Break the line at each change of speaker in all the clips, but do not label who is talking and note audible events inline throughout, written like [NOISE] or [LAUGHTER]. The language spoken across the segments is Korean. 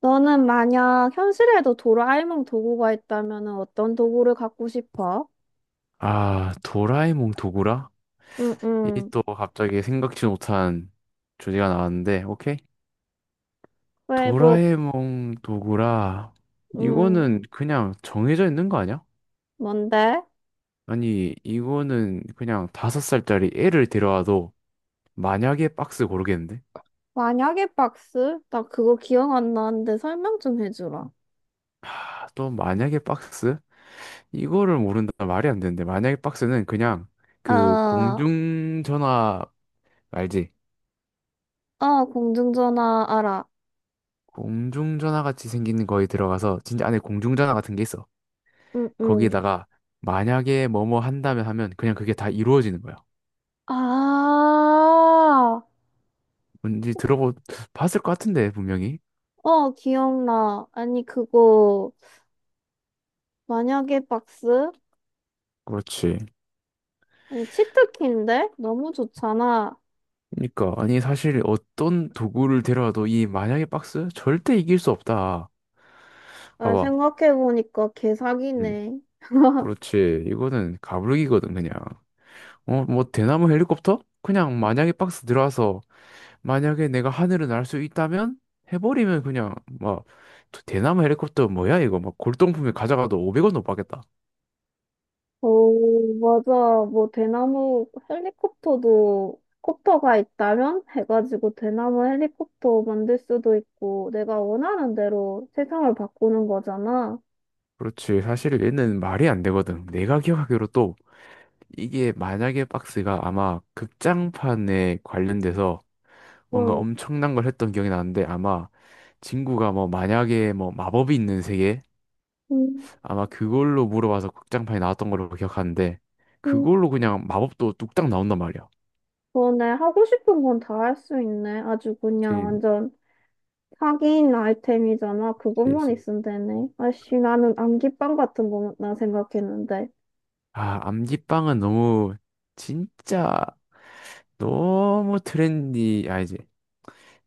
너는 만약 현실에도 도라에몽 도구가 있다면 어떤 도구를 갖고 싶어?
아, 도라에몽 도구라?
응,
이
응.
또 갑자기 생각지 못한 주제가 나왔는데, 오케이?
왜, 뭐,
도라에몽 도구라.
응,
이거는 그냥 정해져 있는 거 아니야?
뭔데?
아니, 이거는 그냥 다섯 살짜리 애를 데려와도 만약에 박스 고르겠는데?
만약에 박스? 나 그거 기억 안 나는데 설명 좀 해주라.
아, 또 만약에 박스? 이거를 모른다 말이 안 되는데, 만약에 박스는 그냥 그
아,
공중전화 알지?
아, 공중전화 알아.
공중전화 같이 생기는 거에 들어가서 진짜 안에 공중전화 같은 게 있어.
응, 응.
거기에다가 만약에 뭐뭐 한다면 하면 그냥 그게 다 이루어지는 거야.
아,
뭔지 들어보 봤을 것 같은데 분명히.
어, 기억나. 아니, 그거, 만약에 박스?
그렇지.
아니, 치트키인데? 너무 좋잖아.
그러니까 아니 사실 어떤 도구를 데려와도 이 만약에 박스 절대 이길 수 없다.
아,
봐봐.
생각해보니까
음.
개사기네.
그렇지. 이거는 가불기거든 그냥. 어, 뭐 대나무 헬리콥터? 그냥 만약에 박스 들어와서 만약에 내가 하늘을 날 수 있다면 해버리면 그냥 막 대나무 헬리콥터 뭐야 이거 막 골동품에 가져가도 500원도 못 받겠다.
오, 맞아. 뭐, 대나무 헬리콥터도, 콥터가 있다면? 해가지고 대나무 헬리콥터 만들 수도 있고, 내가 원하는 대로 세상을 바꾸는 거잖아.
그렇지. 사실 얘는 말이 안 되거든. 내가 기억하기로 또 이게 만약에 박스가 아마 극장판에 관련돼서 뭔가
응.
엄청난 걸 했던 기억이 나는데 아마 친구가 뭐 만약에 뭐 마법이 있는 세계
음,
아마 그걸로 물어봐서 극장판이 나왔던 걸로 기억하는데
음.
그걸로 그냥 마법도 뚝딱 나온단 말이야.
그러네. 하고 싶은 건 다 할 수 있네. 아주 그냥
그치,
완전 사기인 아이템이잖아. 그것만
그치.
있으면 되네. 아씨, 나는 안기빵 같은 거나 생각했는데.
아, 암기빵은 너무 진짜 너무 트렌디 아니지.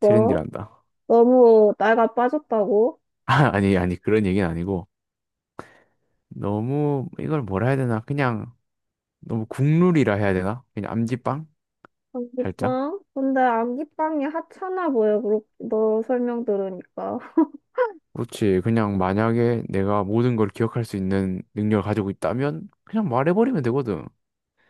뭐?
[LAUGHS]
너무 나이가 빠졌다고?
아, 아니 그런 얘기는 아니고 너무 이걸 뭐라 해야 되나? 그냥 너무 국룰이라 해야 되나? 그냥 암지빵? 살짝?
안기빵? 근데 안기빵이 하찮아 보여, 그렇, 너 설명 들으니까. [LAUGHS]
그렇지. 그냥 만약에 내가 모든 걸 기억할 수 있는 능력을 가지고 있다면 그냥 말해버리면 되거든.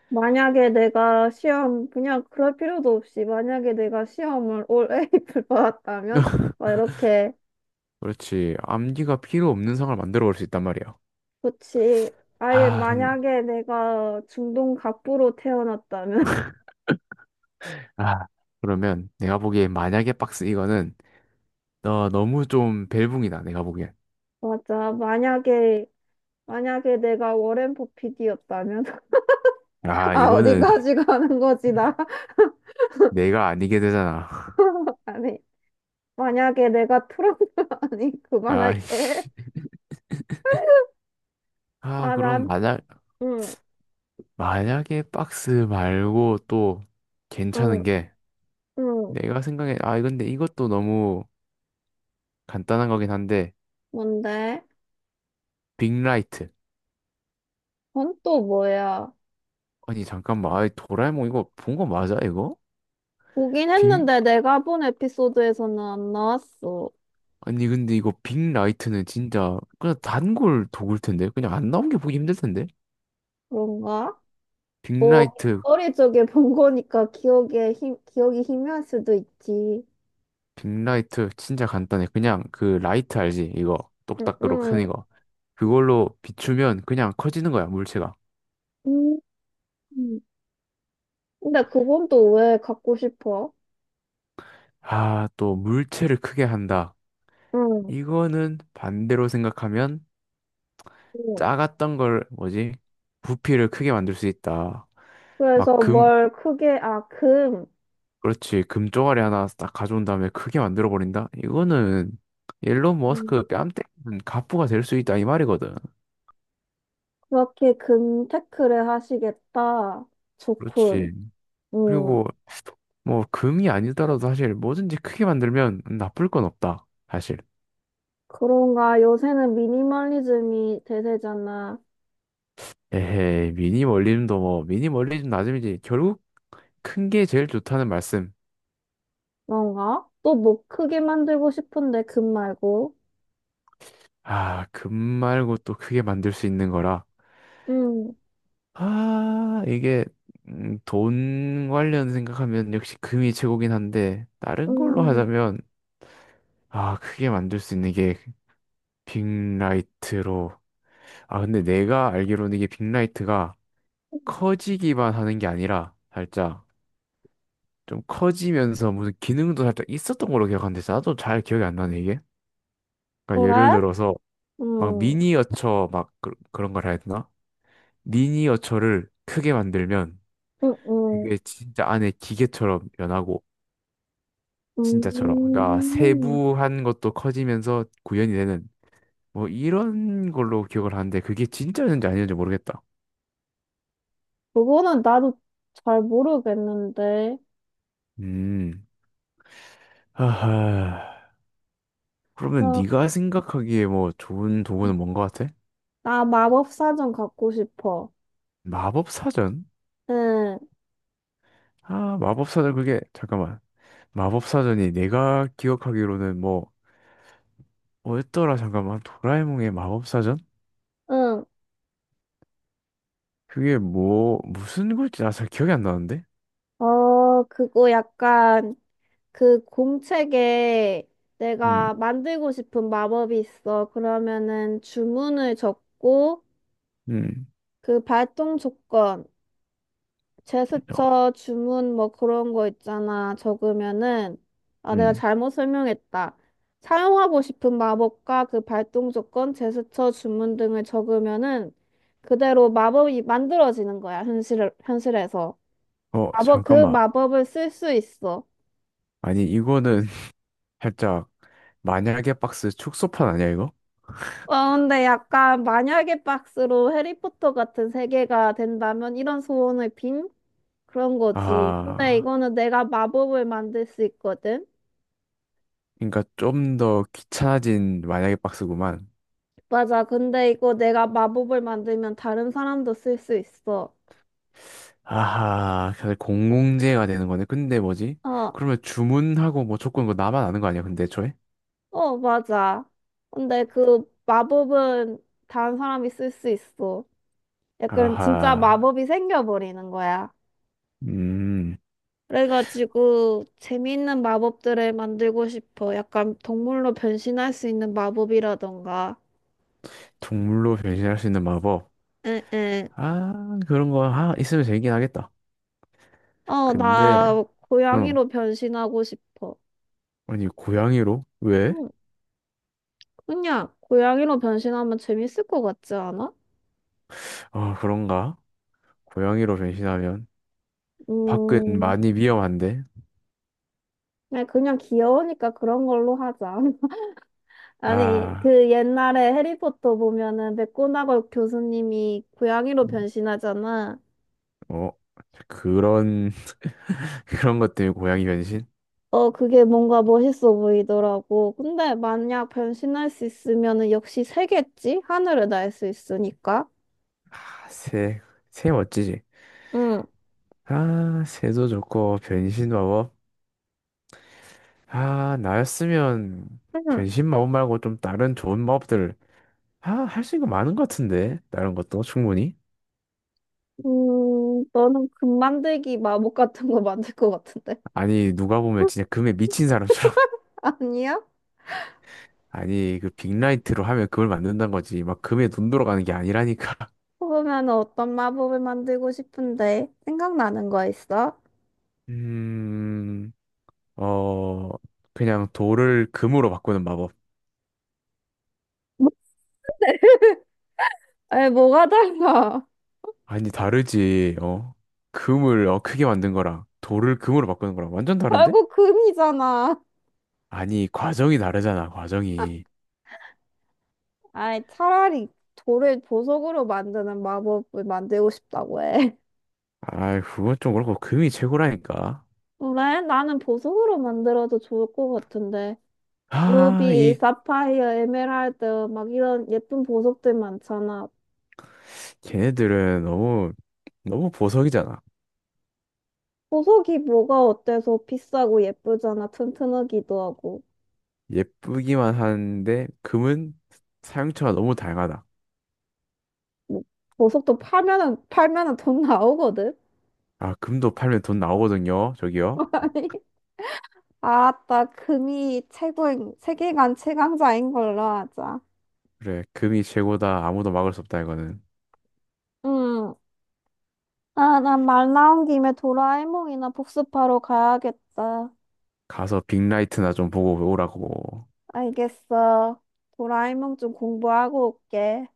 만약에 내가 시험, 그냥 그럴 필요도 없이, 만약에 내가 시험을 올 A를 [LAUGHS] 받았다면,
[LAUGHS]
막 이렇게,
그렇지. 암기가 필요 없는 상을 만들어 볼 수 있단 말이야.
그치. 아예
아, 근-
만약에 내가 중동 갑부로 태어났다면, [LAUGHS]
아, 그러면 내가 보기엔 만약에 박스 이거는 너 너무 좀 벨붕이다. 내가 보기엔.
맞아. 만약에, 만약에 내가 워렌 버핏이었다면, [LAUGHS]
아,
아,
이거는
어디까지
[LAUGHS]
가는 거지, 나.
내가 아니게 되잖아. [LAUGHS]
[LAUGHS] 아니, 만약에 내가 트럼프, [LAUGHS] 아니,
아,
그만할게.
아,
아,
그럼
난 응,
만약에 박스 말고 또
응,
괜찮은 게
응.
내가 생각해 아 근데 이것도 너무 간단한 거긴 한데
뭔데?
빅라이트.
그건 또 뭐야?
아니 잠깐만, 아 도라에몽 이거 본 거 맞아, 이거?
보긴
빅
했는데 내가 본 에피소드에서는 안 나왔어.
아니 근데 이거 빅라이트는 진짜 그냥 단골 도구일 텐데 그냥 안 나온 게 보기 힘들 텐데.
그런가? 뭐,
빅라이트.
어릴 적에 본 거니까 기억에 힘, 기억이 희미할 수도 있지.
빅라이트 진짜 간단해. 그냥 그 라이트 알지, 이거
응,
똑딱으로 큰
응.
이거. 그걸로 비추면 그냥 커지는 거야 물체가.
음. 근데 그건 또 왜 갖고 싶어?
아 또 물체를 크게 한다,
응,
이거는 반대로 생각하면
응.
작았던 걸 뭐지? 부피를 크게 만들 수 있다. 막
그래서
금,
뭘 크게, 아, 금.
그렇지. 금 쪼가리 하나 딱 가져온 다음에 크게 만들어 버린다. 이거는 일론
음,
머스크 뺨 때리는 갑부가 될 수 있다 이 말이거든.
그렇게 금 테크를 하시겠다. 좋군.
그렇지.
응.
그리고 뭐 금이 아니더라도 사실 뭐든지 크게 만들면 나쁠 건 없다. 사실.
그런가? 요새는 미니멀리즘이 대세잖아.
에헤이 미니멀리즘도 뭐 미니멀리즘 나름이지 결국 큰 게 제일 좋다는 말씀.
그런가? 또 뭐 크게 만들고 싶은데 금 말고.
아, 금 말고 또 크게 만들 수 있는 거라.
응
아, 이게 돈 관련 생각하면 역시 금이 최고긴 한데 다른 걸로
응
하자면 아, 크게 만들 수 있는 게 빅라이트로. 아, 근데 내가 알기로는 이게 빅라이트가 커지기만 하는 게 아니라 살짝 좀 커지면서 무슨 기능도 살짝 있었던 걸로 기억하는데 나도 잘 기억이 안 나네, 이게. 그러니까 예를
그래?
들어서 막
응
미니어처 막 그런 걸 해야 되나? 미니어처를 크게 만들면
응 응
그게 진짜 안에 기계처럼 변하고 진짜처럼 그러니까
응
세부한 것도 커지면서 구현이 되는 뭐 이런 걸로 기억을 하는데 그게 진짜였는지 아니었는지 모르겠다.
그거는 나도 잘 모르겠는데.
음. 하하. 그러면
그럼
네가 생각하기에 뭐 좋은 도구는 뭔 것 같아?
나 마법사전 갖고 싶어.
마법사전?
응,
아, 마법사전 그게 잠깐만. 마법사전이 내가 기억하기로는 뭐 뭐였더라 잠깐만. 도라에몽의 마법사전?
응.
그게 뭐 무슨 글지 나 잘 기억이 안 나는데.
어, 그거 약간 그 공책에
음.
내가 만들고 싶은 마법이 있어. 그러면은 주문을 적고
음.
그 발동 조건,
어,
제스처, 주문 뭐 그런 거 있잖아. 적으면은 아 내가
음.
잘못 설명했다. 사용하고 싶은 마법과 그 발동 조건, 제스처, 주문 등을 적으면은 그대로 마법이 만들어지는 거야. 현실에서.
어,
마법 그
잠깐만.
마법을 쓸 수 있어.
아니, 이거는 [LAUGHS] 살짝 만약에 박스 축소판 아니야, 이거?
어, 근데 약간 만약에 박스로 해리포터 같은 세계가 된다면 이런 소원을 빈? 그런 거지. 근데
아,
이거는 내가 마법을 만들 수 있거든.
그러니까 좀 더 귀찮아진 만약에 박스구만.
맞아. 근데 이거 내가 마법을 만들면 다른 사람도 쓸 수 있어.
아하, 사실 공공재가 되는 거네. 근데 뭐지?
어,
그러면 주문하고 뭐 조건 그거 나만 아는 거 아니야, 근데 애초에?
어, 맞아. 근데 그 마법은 다른 사람이 쓸 수 있어. 약간 진짜
아하,
마법이 생겨버리는 거야.
음,
그래가지고 재미있는 마법들을 만들고 싶어. 약간 동물로 변신할 수 있는 마법이라던가.
동물로 변신할 수 있는 마법.
응응.
아, 그런 거 하, 있으면 재밌긴 하겠다.
어,
근데,
나
응,
고양이로 변신하고 싶어.
아니, 고양이로? 왜?
응, 그냥 고양이로 변신하면 재밌을 것 같지 않아?
아, 그런가? 고양이로 변신하면? 밖은
음,
많이 위험한데.
그냥 귀여우니까 그런 걸로 하자. [LAUGHS] 아니,
아,
그 옛날에 해리포터 보면은 맥고나걸 교수님이 고양이로 변신하잖아.
어, 그런, [LAUGHS] 그런 것 때문에 고양이 변신?
어, 그게 뭔가 멋있어 보이더라고. 근데 만약 변신할 수 있으면은 역시 새겠지? 하늘을 날 수 있으니까.
아, 새, 새 멋지지.
응.
아, 새도 좋고, 변신 마법. 아, 나였으면
응.
변신 마법 말고 좀 다른 좋은 마법들, 아, 할 수 있는 거 많은 것 같은데. 다른 것도 충분히.
너는 금 만들기 마법 같은 거 만들 것 같은데.
아니, 누가 보면
[LAUGHS]
진짜 금에 미친 사람처럼. [LAUGHS]
아니야?
아니, 그 빅라이트로 하면 금을 만든다는 거지. 막 금에 눈 돌아가는 게 아니라니까. [LAUGHS]
그러면 어떤 마법을 만들고 싶은데? 생각나는 거 있어?
음. 어, 그냥 돌을 금으로 바꾸는 마법.
아이, 뭐가 달라?
아니, 다르지, 어. 금을 어, 크게 만든 거랑 돌을 금으로 바꾸는 거랑 완전
[LAUGHS]
다른데?
결국 금이잖아.
아니, 과정이 다르잖아, 과정이.
아이, 차라리 돌을 보석으로 만드는 마법을 만들고 싶다고 해.
아이, 그건 좀 그렇고, 금이 최고라니까.
그래? 나는 보석으로 만들어도 좋을 것 같은데.
아,
루비,
이,
사파이어, 에메랄드, 막 이런 예쁜 보석들 많잖아.
걔네들은 너무, 너무 보석이잖아.
보석이 뭐가 어때서 비싸고 예쁘잖아. 튼튼하기도 하고.
예쁘기만 하는데, 금은 사용처가 너무 다양하다.
뭐, 보석도 팔면은 돈 나오거든?
아, 금도 팔면 돈 나오거든요, 저기요.
[LAUGHS] 아니, 알았다. 금이 최고인, 세계관 최강자인 걸로 하자.
그래, 금이 최고다. 아무도 막을 수 없다, 이거는.
응. 아, 난 말 나온 김에 도라에몽이나 복습하러 가야겠다.
가서 빅라이트나 좀 보고 오라고.
알겠어. 도라에몽 좀 공부하고 올게.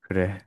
그래.